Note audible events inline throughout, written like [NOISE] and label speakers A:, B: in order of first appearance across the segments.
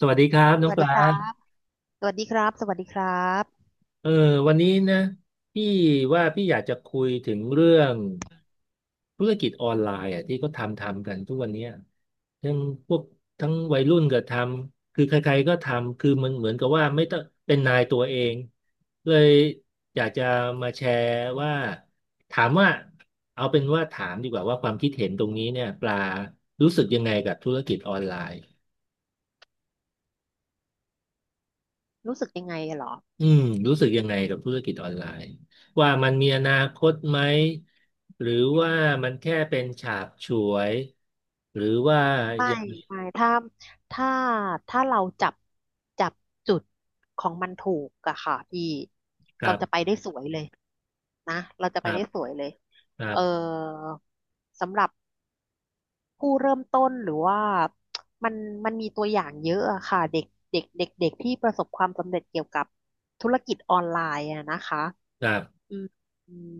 A: สวัสดีครับ
B: ส
A: น้อง
B: วัส
A: ป
B: ดี
A: ลา
B: ครับสวัสดีครับ สวัสดีครับ
A: เออวันนี้นะพี่ว่าพี่อยากจะคุยถึงเรื่องธุรกิจออนไลน์อ่ะที่ก็ทำกันทุกวันเนี้ยทั้งพวกทั้งวัยรุ่นก็ทำคือใครๆก็ทำคือมันเหมือนกับว่าไม่ต้องเป็นนายตัวเองเลยอยากจะมาแชร์ว่าถามว่าเอาเป็นว่าถามดีกว่าว่าความคิดเห็นตรงนี้เนี่ยปลารู้สึกยังไงกับธุรกิจออนไลน์
B: รู้สึกยังไงเหรอ
A: อืมรู้
B: อื
A: สึ
B: ม
A: กยังไงกับธุรกิจออนไลน์ว่ามันมีอนาคตไหมหรือว่ามันแค่เป็นฉาบฉวยหรือว่า
B: ไม่
A: อย่าง
B: ไม่ ถ้าถ้าถ้าเราจับจุดของมันถูกอะค่ะพี่
A: กั
B: เรา
A: บ
B: จะไปได้สวยเลยนะเราจะไป
A: กับ
B: ได้สวยเลย
A: กั
B: เออ
A: บ
B: สำหรับผู้เริ่มต้นหรือว่า มันมันมีตัวอย่างเยอะอะค่ะเด็กเด็กที่ประสบความสำเร็จเกี่ยวกับธุรกิจออนไลน์อะนะคะ
A: กับ
B: อืมอืม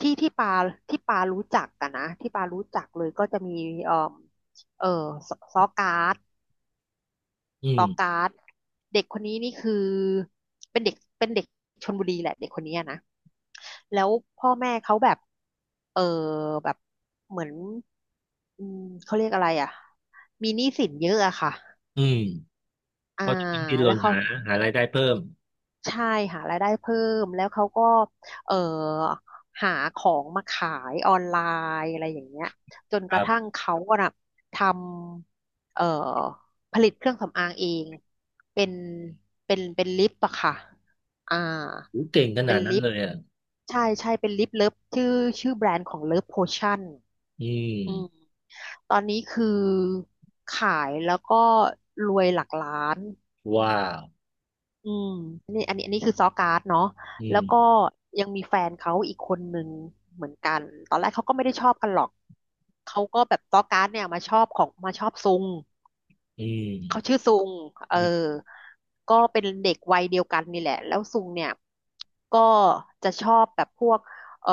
B: ที่ที่ปารู้จักกันนะที่ปารู้จักเลยก็จะมีเอ่อเออซซอการ์ด
A: อื
B: ต
A: ม
B: อการ์ดเด็กคนนี้นี่คือเป็นเด็กชลบุรีแหละเด็กคนนี้อะนะแล้วพ่อแม่เขาแบบเออแบบเหมือนอืมเขาเรียกอะไรอ่ะมีหนี้สินเยอะอะค่ะ
A: อืม
B: อ่า
A: เขาะดิ้นร
B: แล้ว
A: น
B: เขา
A: หาหารายได้เพิ่ม
B: ใช่หารายได้เพิ่มแล้วเขาก็เอ่อหาของมาขายออนไลน์อะไรอย่างเงี้ยจน
A: ค
B: กระ
A: รั
B: ทั่ง
A: บ
B: เขาอะน่ะทำผลิตเครื่องสำอางเองเป็นเป็นลิปอะค่ะอ่า
A: โหเก่งข
B: เป็
A: นา
B: น
A: ดนั้น
B: ลิป
A: เลยอ่ะ
B: ใช่ใช่เป็นลิปเลิฟชื่อแบรนด์ของเลิฟโพชั่น
A: อื
B: อืม
A: ม
B: ตอนนี้คือขายแล้วก็รวยหลักล้าน
A: ว้าว
B: อืมนี่อันนี้คือซอการ์ดเนาะ
A: อื
B: แล้วก็
A: ม
B: ยังมีแฟนเขาอีกคนหนึ่งเหมือนกันตอนแรกเขาก็ไม่ได้ชอบกันหรอกเขาก็แบบซอการ์ดเนี่ยมาชอบซุง
A: อื
B: เขา
A: ม
B: ชื่อซุงเอ
A: นี่
B: อก็เป็นเด็กวัยเดียวกันนี่แหละแล้วซุงเนี่ยก็จะชอบแบบพวกเอ่อ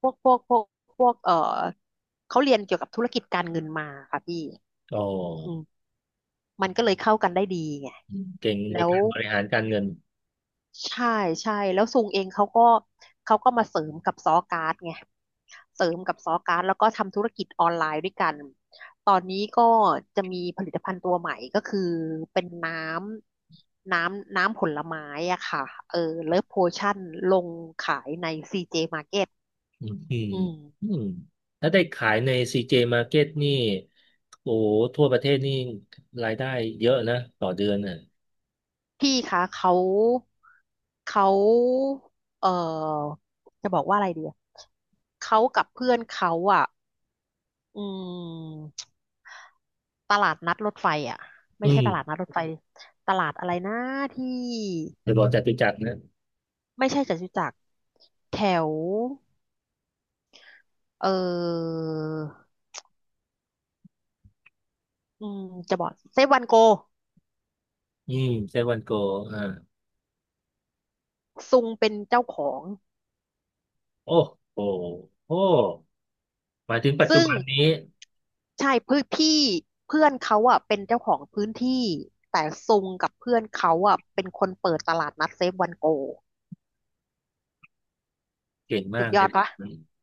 B: พวกพวกเขาเรียนเกี่ยวกับธุรกิจการเงินมาค่ะพี่
A: โอ
B: อื
A: ้
B: มมันก็เลยเข้ากันได้ดีไง
A: เก่งใน
B: แล้ว
A: การบริหารการเงิน
B: ใช่ใช่แล้วซุงเองเขาก็เขาก็มาเสริมกับซอการ์ดไงเสริมกับซอการ์ดแล้วก็ทำธุรกิจออนไลน์ด้วยกันตอนนี้ก็จะมีผลิตภัณฑ์ตัวใหม่ก็คือเป็นน้ำผลไม้อะค่ะเออเลิฟโพชั่นลงขายใน CJ Market
A: อืมอืม
B: อืม
A: อืมถ้าได้ขายใน CJ Market นี่โอ้โหทั่วประเทศนี่รายได้เยอะนะต่อเดือนน่ะ
B: พี่คะเขาเออจะบอกว่าอะไรดีอะเขากับเพื่อนเขาอ่ะอืม ตลาดนัดรถไฟอ่ะไม่
A: อื
B: ใช่
A: ม
B: ตลาดนัดรถไฟตลาดอะไรนะที่
A: อจะบอกัจตุจักรนะ
B: ไม่ใช่จตุจักรแถวเอออืมจะบอกเซฟวันโก
A: อืมเซเว่นโกอ่า
B: ซุงเป็นเจ้าของ
A: โอ้โหโอ้หมายถึงปัจจุ
B: ซึ่ง
A: บันนี้
B: ใช่เพื่อนพี่เพื่อนเขาอ่ะเป็นเจ้าของพื้นที่แต่ซุงกับเพื่อนเขาอ่ะเป็นคนเปิดตลาดนัดเซฟวันโก
A: เก่ง
B: สุ
A: มา
B: ด
A: ก
B: ย
A: เล
B: อด
A: ย
B: ปะ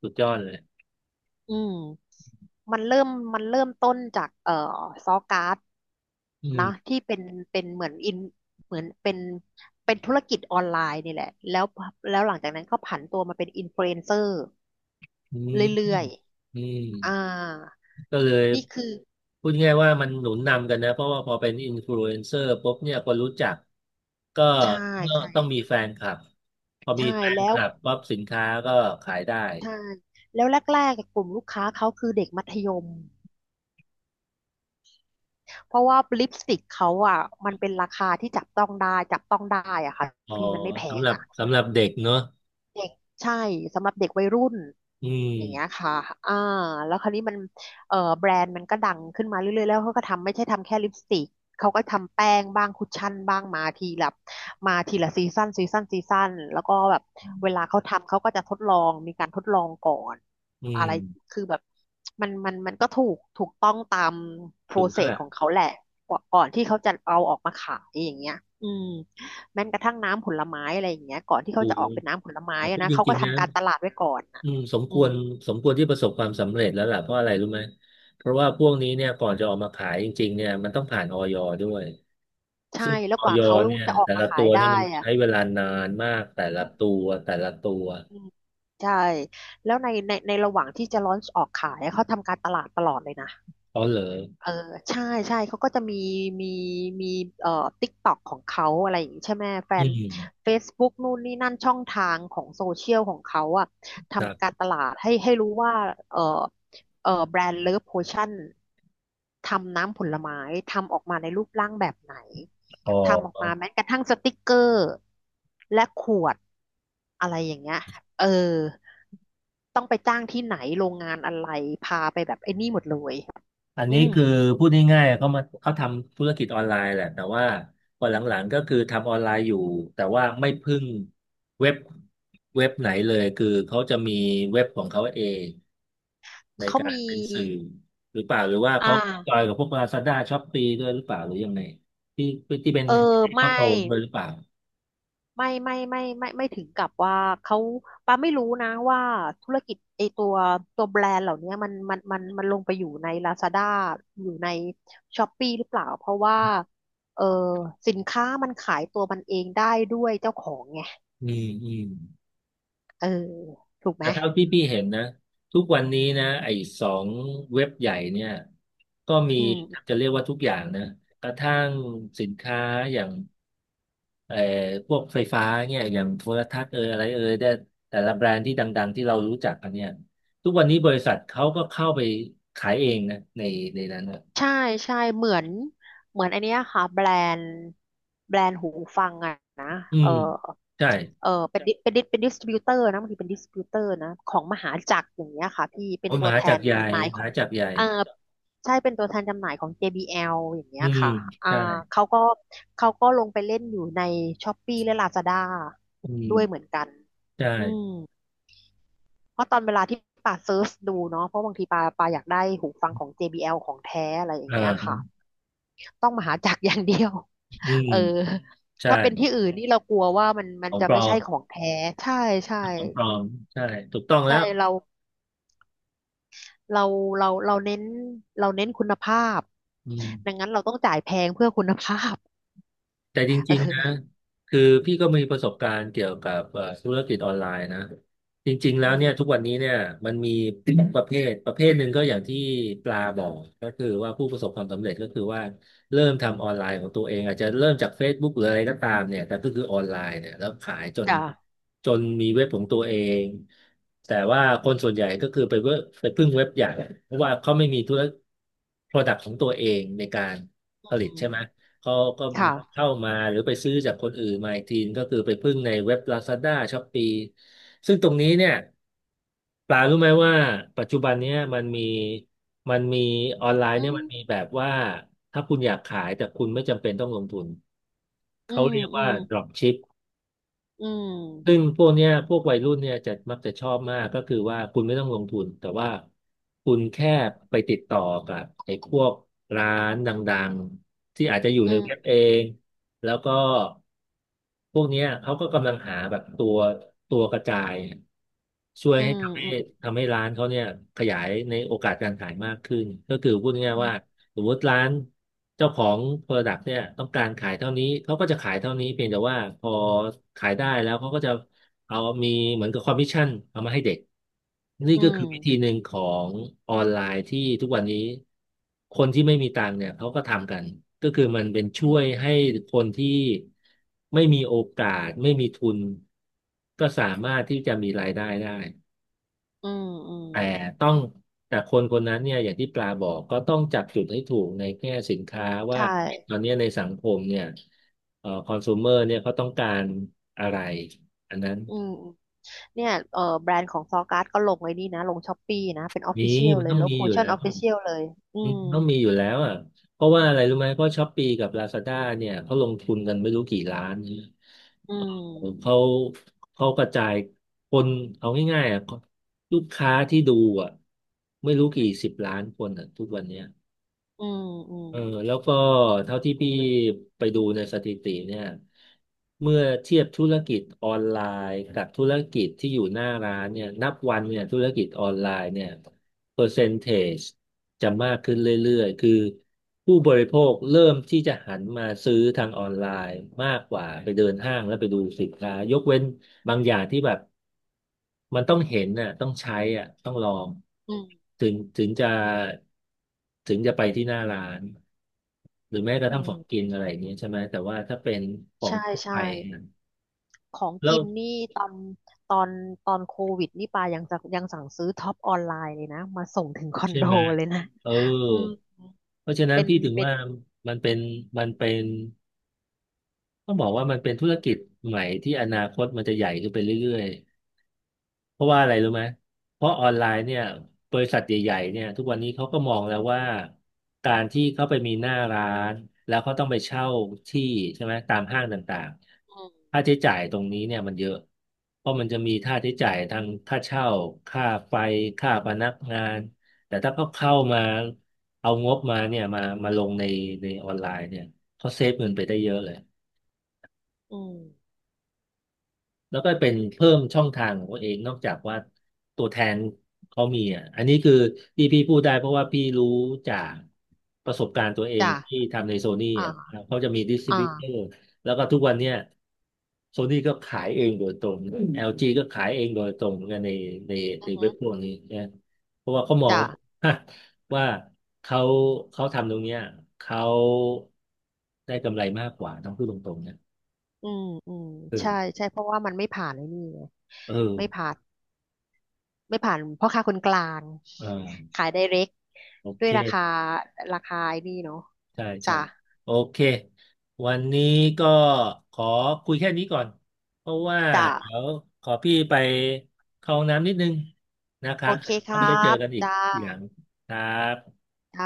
A: สุดยอดเลย
B: อืม มันเริ่มมันเริ่มต้นจากซอการ์ด
A: อื
B: นะ
A: ม
B: ที่เป็นเหมือนอินเหมือนเป็นธุรกิจออนไลน์นี่แหละแล้วหลังจากนั้นก็ผันตัวมาเป็นอินฟลูเอนเซอร์
A: อืม
B: เรื่อย
A: อืม
B: ๆอ่า
A: ก็เลย
B: นี่คือ
A: พูดง่ายๆว่ามันหนุนนำกันนะเพราะว่าพอเป็นอินฟลูเอนเซอร์ปุ๊บเนี่ยคนรู้จักก็
B: ใช่ใช่
A: ต้องมีแฟนคลับพอมี
B: ใช่
A: แฟน
B: แล้
A: ค
B: ว
A: ลับปั๊บสินค้าก็ขายได้
B: ใช่แล้วแรกๆกบกลุ่มลูกค้าเขาคือเด็กมัธยมเพราะว่าลิปสติกเขาอ่ะมันเป็นราคาที่จับต้องได้จับต้องได้อ่ะค่ะ
A: อ๋อ
B: พี่มันไม่แพ
A: สำ
B: ง
A: หรับ
B: อ่ะ
A: สำหรับเด็กเนอะ
B: ใช่สำหรับเด็กวัยรุ่น
A: อื
B: อย่างเงี้ย
A: ม
B: ค่ะอ่าแล้วคราวนี้มันแบรนด์มันก็ดังขึ้นมาเรื่อยๆแล้วเขาก็ทำไม่ใช่ทำแค่ลิปสติกเขาก็ทำแป้งบ้างคุชชั่นบ้างมาทีละซีซันซีซันซีซันแล้วก็แบบเวลาเขาทำเขาก็จะทดลองมีการทดลองก่อน
A: อื
B: อะไร
A: ม
B: คือแบบมันก็ถูกต้องตามโปร
A: สูง
B: เซ
A: เท่า
B: ส
A: ไหร่
B: ของเขาแหละก่อนที่เขาจะเอาออกมาขายอย่างเงี้ยอืม แม้กระทั่งน้ำผลไม้อะไรอย่างเงี้ยก่อนที่เขา
A: สู
B: จะออ
A: ง
B: กเป็นน้ำผลไม้
A: แต่พู
B: อะ
A: ด
B: นะ
A: จ
B: เขา
A: ริ
B: ก็
A: งๆนะ
B: ทำการตลาดไว้ก่อนอ่ะ
A: อืมสม
B: อื
A: คว
B: ม
A: รสมควรที่ประสบความสำเร็จแล้วล่ะเพราะอะไรรู้ไหมเพราะว่าพวกนี้เนี่ยก่อนจะออกมาขายจริงๆเนี่ยมันต้องผ่านออยด้วย
B: ใช่
A: ซึ่ง
B: แล้ว
A: ออ
B: กว่า
A: ย
B: เขา
A: เนี่ย
B: จะออก
A: แต่
B: มา
A: ละ
B: ขา
A: ตั
B: ย
A: ว
B: ได้
A: เนี่ยมัน
B: อ่ะ
A: ใช้เวลานานมากแต่
B: อ
A: ละตั
B: ืม
A: วแต่ละตัว
B: อืมใช่แล้วในระหว่างที่จะลอนช์ออกขายอะเขาทำการตลาดตลอดเลยนะ
A: เขาเลย
B: เออใช่ใช่เขาก็จะมีมีเอ่อติ๊กต็อกของเขาอะไรอย่างนี้ใช่ไหมแฟ
A: อ
B: น
A: อืม
B: Facebook นู่นนี่นั่นช่องทางของโซเชียลของเขาอะ
A: ครั
B: ทำการ
A: บ
B: ตลาดให้รู้ว่าเออเออแบรนด์เลิฟโพชั่นทำน้ำผลไม้ทำออกมาในรูปร่างแบบไหน
A: อ๋
B: ทำออกมา
A: อ
B: แม้กระทั่งสติกเกอร์และขวดอะไรอย่างเงี้ยเออต้องไปจ้างที่ไหนโรงงานอะไรพาไปแบบไอ้นี่หมดเลย
A: อัน
B: อื
A: นี้
B: ม
A: คือพูดง่ายๆเขามาเขาทำธุรกิจออนไลน์แหละแต่ว่าพอหลังๆก็คือทำออนไลน์อยู่แต่ว่าไม่พึ่งเว็บเว็บไหนเลยคือเขาจะมีเว็บของเขาเองใน
B: เขา
A: กา
B: มี
A: รเป็นสื่อหรือเปล่าหรือว่า
B: อ
A: เขาจอ
B: ่า
A: ยกับพวก Lazada Shopee ด้วยหรือเปล่าหรือยังไงที่ที่เป็น
B: เออ
A: ให้
B: ไม่
A: เขาโตด้วยหรือเปล่า
B: ไม่ไม่ถึงกับว่าเขาปาไม่รู้นะว่าธุรกิจไอตัวตัวแบรนด์เหล่านี้มันลงไปอยู่ใน Lazada อยู่ใน Shopee หรือเปล่า เพราะว่าเออสินค้ามันขายตัวมันเองได้ด้วยเจ้าของไง
A: อืมอืม
B: เออถูกไหม
A: แต่เท่าที่พี่เห็นนะทุกวันนี้นะไอ้สองเว็บใหญ่เนี่ยก็มี
B: อืม
A: จะเรียกว่าทุกอย่างนะกระทั่งสินค้าอย่างเอ่อพวกไฟฟ้าเนี่ยอย่างโทรทัศน์เอออะไรเออได้แต่ละแบรนด์ที่ดังๆที่เรารู้จักกันเนี่ยทุกวันนี้บริษัทเขาก็เข้าไปขายเองนะในนั้นนะ
B: ใช่ใช่เหมือนอันเนี้ยค่ะนด์แบรนด์หูฟังอะนะ
A: อื
B: เออ
A: มใช่
B: เป็นดิสติบิวเตอร์นะบางทีเป็นดิสติบิวเตอร์นะของมหาจักรอย่างเงี้ยค่ะพี่เป็น
A: โอ้ย
B: ตั
A: ม
B: ว
A: หา
B: แท
A: จัก
B: น
A: รใหญ่
B: จำหน่าย
A: ม
B: ของ
A: หาจักรใหญ่
B: เออใช่เป็นตัวแทนจำหน่ายของ JBL อลอย่างเงี้
A: อื
B: ย
A: ม
B: ค่ะอ่า
A: ใช่
B: เขาก็เขาก็ลงไปเล่นอยู่ใน Shopee และ Lazada
A: อื
B: ด้วยเหมือ
A: ม
B: นกัน
A: ใช่
B: อืมเพราะตอนเวลาที่ป่าเซิร์ชดูเนาะเพราะบางทีปาอยากได้หูฟังของ JBL ของแท้อะไรอ
A: เ
B: ย่างเงี้ยค่ะ
A: ออ
B: ต้องมหาจักรอย่างเดียว
A: อื
B: [LAUGHS]
A: ม
B: เออ
A: ใช่
B: ถ้าเป็นที่อื่นนี่เรากลัวว่ามั
A: ข
B: น
A: อง
B: จะ
A: ปล
B: ไม่
A: อ
B: ใช่
A: ม
B: ของแท้ใช่ใช่
A: ของปลอมใช่ถูกต้องแล้
B: ใช่
A: ว
B: เราเราเราเน้นเราเน้นคุณภาพ
A: อื
B: ดัง
A: ม
B: นั้นเราต้องจ่ายแพงเพื่อคุณภาพ
A: แต่
B: [LAUGHS]
A: จริงๆนะ
B: เออ
A: คือพี่ก็มีประสบการณ์เกี่ยวกับธุรกิจออนไลน์นะจริงๆแล้
B: อื
A: วเนี่ยทุ
B: ม
A: กวันนี้เนี่ยมันมี [COUGHS] ประเภทหนึ่งก็อย่างที่ปลาบอกก็คือว่าผู้ประสบความสำเร็จก็คือว่าเริ่มทำออนไลน์ของตัวเองอาจจะเริ่มจาก Facebook หรืออะไรก็ตามเนี่ยแต่ก็คือออนไลน์เนี่ยแล้วขายจน
B: จ้ะ
A: จนมีเว็บของตัวเองแต่ว่าคนส่วนใหญ่ก็คือไปเว็บไปพึ่งเว็บใหญ่เพราะว่าเขาไม่มีธุร product ของตัวเองในการผลิต
B: อื
A: ใช่ไหม
B: ม
A: เขาก็
B: ค่ะ
A: เข้ามาหรือไปซื้อจากคนอื่นมาอีกทีก็คือไปพึ่งในเว็บ Lazada Shopee ซึ่งตรงนี้เนี่ยปลารู้ไหมว่าปัจจุบันเนี้ยมันมีออนไลน์
B: อื
A: เนี่ย
B: ม
A: มันมีแบบว่าถ้าคุณอยากขายแต่คุณไม่จำเป็นต้องลงทุน
B: อื
A: เขา
B: ม
A: เรียก
B: อื
A: ว่า
B: ม
A: drop ship
B: อื
A: ซึ่ง
B: ม
A: พวกเนี้ยพวกวัยรุ่นเนี่ยจะมักจะชอบมากก็คือว่าคุณไม่ต้องลงทุนแต่ว่าคุณแค่ไปติดต่อกับไอ้พวกร้านดังๆที่อาจจะอยู่
B: อื
A: ในเว็บ
B: ม
A: เองแล้วก็พวกเนี้ยเขาก็กำลังหาแบบตัวตัวกระจายช่วย
B: อื
A: ให้ทำให้
B: ม
A: ทำให้ร้านเขาเนี่ยขยายในโอกาสการขายมากขึ้นก็คือพูดง่า
B: อื
A: ยๆ
B: ม
A: ว่า สมมติร้านเจ้าของ Product เนี่ยต้องการขายเท่านี้เขาก็จะขายเท่านี้เพียงแต่ว่าพอขายได้แล้วเขาก็จะเอามีเหมือนกับคอมมิชชั่นเอามาให้เด็กนี่
B: อื
A: ก็
B: ม
A: คือวิธีหนึ่งของออนไลน์ที่ทุกวันนี้คนที่ไม่มีตังค์เนี่ยเขาก็ทำกันก็คือมันเป็น
B: อื
A: ช่วย
B: ม
A: ให้คนที่ไม่มีโอกาสไม่มีทุนก็สามารถที่จะมีรายได้ได้
B: อืมอืม
A: แต่
B: อืม
A: ต้องแต่คนคนนั้นเนี่ยอย่างที่ปลาบอกก็ต้องจับจุดให้ถูกในแง่สินค้าว่า
B: ใช่
A: ตอนเนี้ยในสังคมเนี่ยคอน sumer เนี่ยเขาต้องการอะไรอันนั้น
B: อืม เนี่ยเออแบรนด์ของซอการ์ดก็ลงไว้นี่นะ ลงช้อปปี้นะ เป็นออฟฟิ
A: มี
B: เชียล
A: มัน
B: เลย
A: ต้อง
B: ลบ
A: มี
B: โพ
A: อยู่
B: ชั่น
A: แล้
B: อ
A: ว
B: อฟฟิเชียลเลยอืม
A: ต้องมีอยู่แล้วอ่ะเพราะว่าอะไรรู้ไหมเพราะช้อปปี้กับ Lazada เนี่ยเขาลงทุนกันไม่รู้กี่ล้านเนี่ย
B: อืม
A: เขากระจายคนเอาง่ายๆอ่ะลูกค้าที่ดูอ่ะไม่รู้กี่สิบล้านคนอ่ะทุกวันเนี้ย
B: อืมอืม
A: เออแล้วก็เท่าที่พี่ไปดูในสถิติเนี่ยเมื่อเทียบธุรกิจออนไลน์กับธุรกิจที่อยู่หน้าร้านเนี่ยนับวันเนี่ยธุรกิจออนไลน์เนี่ย เปอร์เซนเทจจะมากขึ้นเรื่อยๆ คือผู้บริโภคเริ่มที่จะหันมาซื้อทางออนไลน์มากกว่าไปเดินห้างแล้วไปดูสินค้ายกเว้นบางอย่างที่แบบมันต้องเห็นน่ะต้องใช้อ่ะต้องลอง
B: อืม
A: ถึงจะถึงจะไปที่หน้าร้านหรือแม้กระ
B: อื
A: ทั่งของ
B: ม
A: กินอะไรอย่างเงี้ยใช่ไหมแต่ว่าถ้าเป็นของ
B: ใช่
A: ทั่ว
B: ใช่
A: ไปเนี่ย
B: ของ
A: แล้
B: กิ
A: ว
B: นนี่ตอนตอนตอนโควิดนี่ปายังจะยังสั่งซื้อท็อปออนไลน์เลยนะ มาส่งถึงคอน
A: ใช่
B: โด
A: ไหม
B: เลยนะ
A: เออ
B: อืม
A: เพราะฉะนั้
B: เป็
A: น
B: น
A: พี่ถึง
B: เป็น
A: ว่ามันเป็นมันเป็น ต้องบอกว่ามันเป็นธุรกิจใหม่ที่อนาคตมันจะใหญ่ขึ้นไปเรื่อยๆเพราะว่าอะไรรู้ไหมเพราะออนไลน์เนี่ยบริษัทใหญ่ๆเนี่ยทุกวันนี้เขาก็มองแล้วว่าการที่เขาไปมีหน้าร้านแล้วเขาต้องไปเช่าที่ใช่ไหมตามห้างต่าง
B: อื
A: ๆค่า
B: ม
A: ใช้จ่ายตรงนี้เนี่ยมันเยอะเพราะมันจะมีค่าใช้จ่ายทางค่าเช่าค่าไฟค่าพนักงานแต่ถ้าเขาเข้ามาเอางบมาเนี่ยมาลงในออนไลน์เนี่ยเขาเซฟเงินไปได้เยอะเลย
B: อืม
A: แล้วก็เป็นเพิ่มช่องทางของตัวเองนอกจากว่าตัวแทนเขามีอ่ะอันนี้คือที่พี่พูดได้เพราะว่าพี่รู้จากประสบการณ์ตัวเอง
B: จ้ะ
A: ที่ทำในโซนี่อ่ะ
B: อ่า
A: เขาจะมีดิสทริ
B: อ่า
A: บิวเตอร์แล้วก็ทุกวันเนี้ยโซนี่ก็ขายเองโดยตรง LG ก็ขายเองโดยตรงเหมือนกันใน
B: อื
A: ใน
B: อฮึ
A: เว็บพวกนี้นะเพราะว่าเขามอง
B: จ้ะ
A: [LAUGHS] ว่าเขาทำตรงเนี้ยเขาได้กำไรมากกว่าต้องพูดตรงๆนะ
B: อืมอืม
A: เออ
B: ใช่ใช่เพราะว่ามันไม่ผ่านไอ้นี่ไง
A: เอ
B: ไม่
A: อ
B: ผ่าน ไม่ผ่านพ่อค้าคนกลาง
A: อ่า
B: ขายไดเรก
A: โอ
B: ด้ว
A: เค
B: ยราคาไอ้นี่เนาะ
A: ใช่ใช่
B: จ้ะ
A: โอเค วันนี้ก็ขอคุยแค่นี้ก่อน เพราะว่า
B: จ้ะ
A: เดี๋ยวขอพี่ไปเข้าห้องน้ำนิดนึงนะครั
B: โอ
A: บ
B: เคค
A: แล้ว
B: รั
A: ไปเจอ
B: บ
A: กันอีก
B: จ้า
A: อย่างครับ
B: จ้า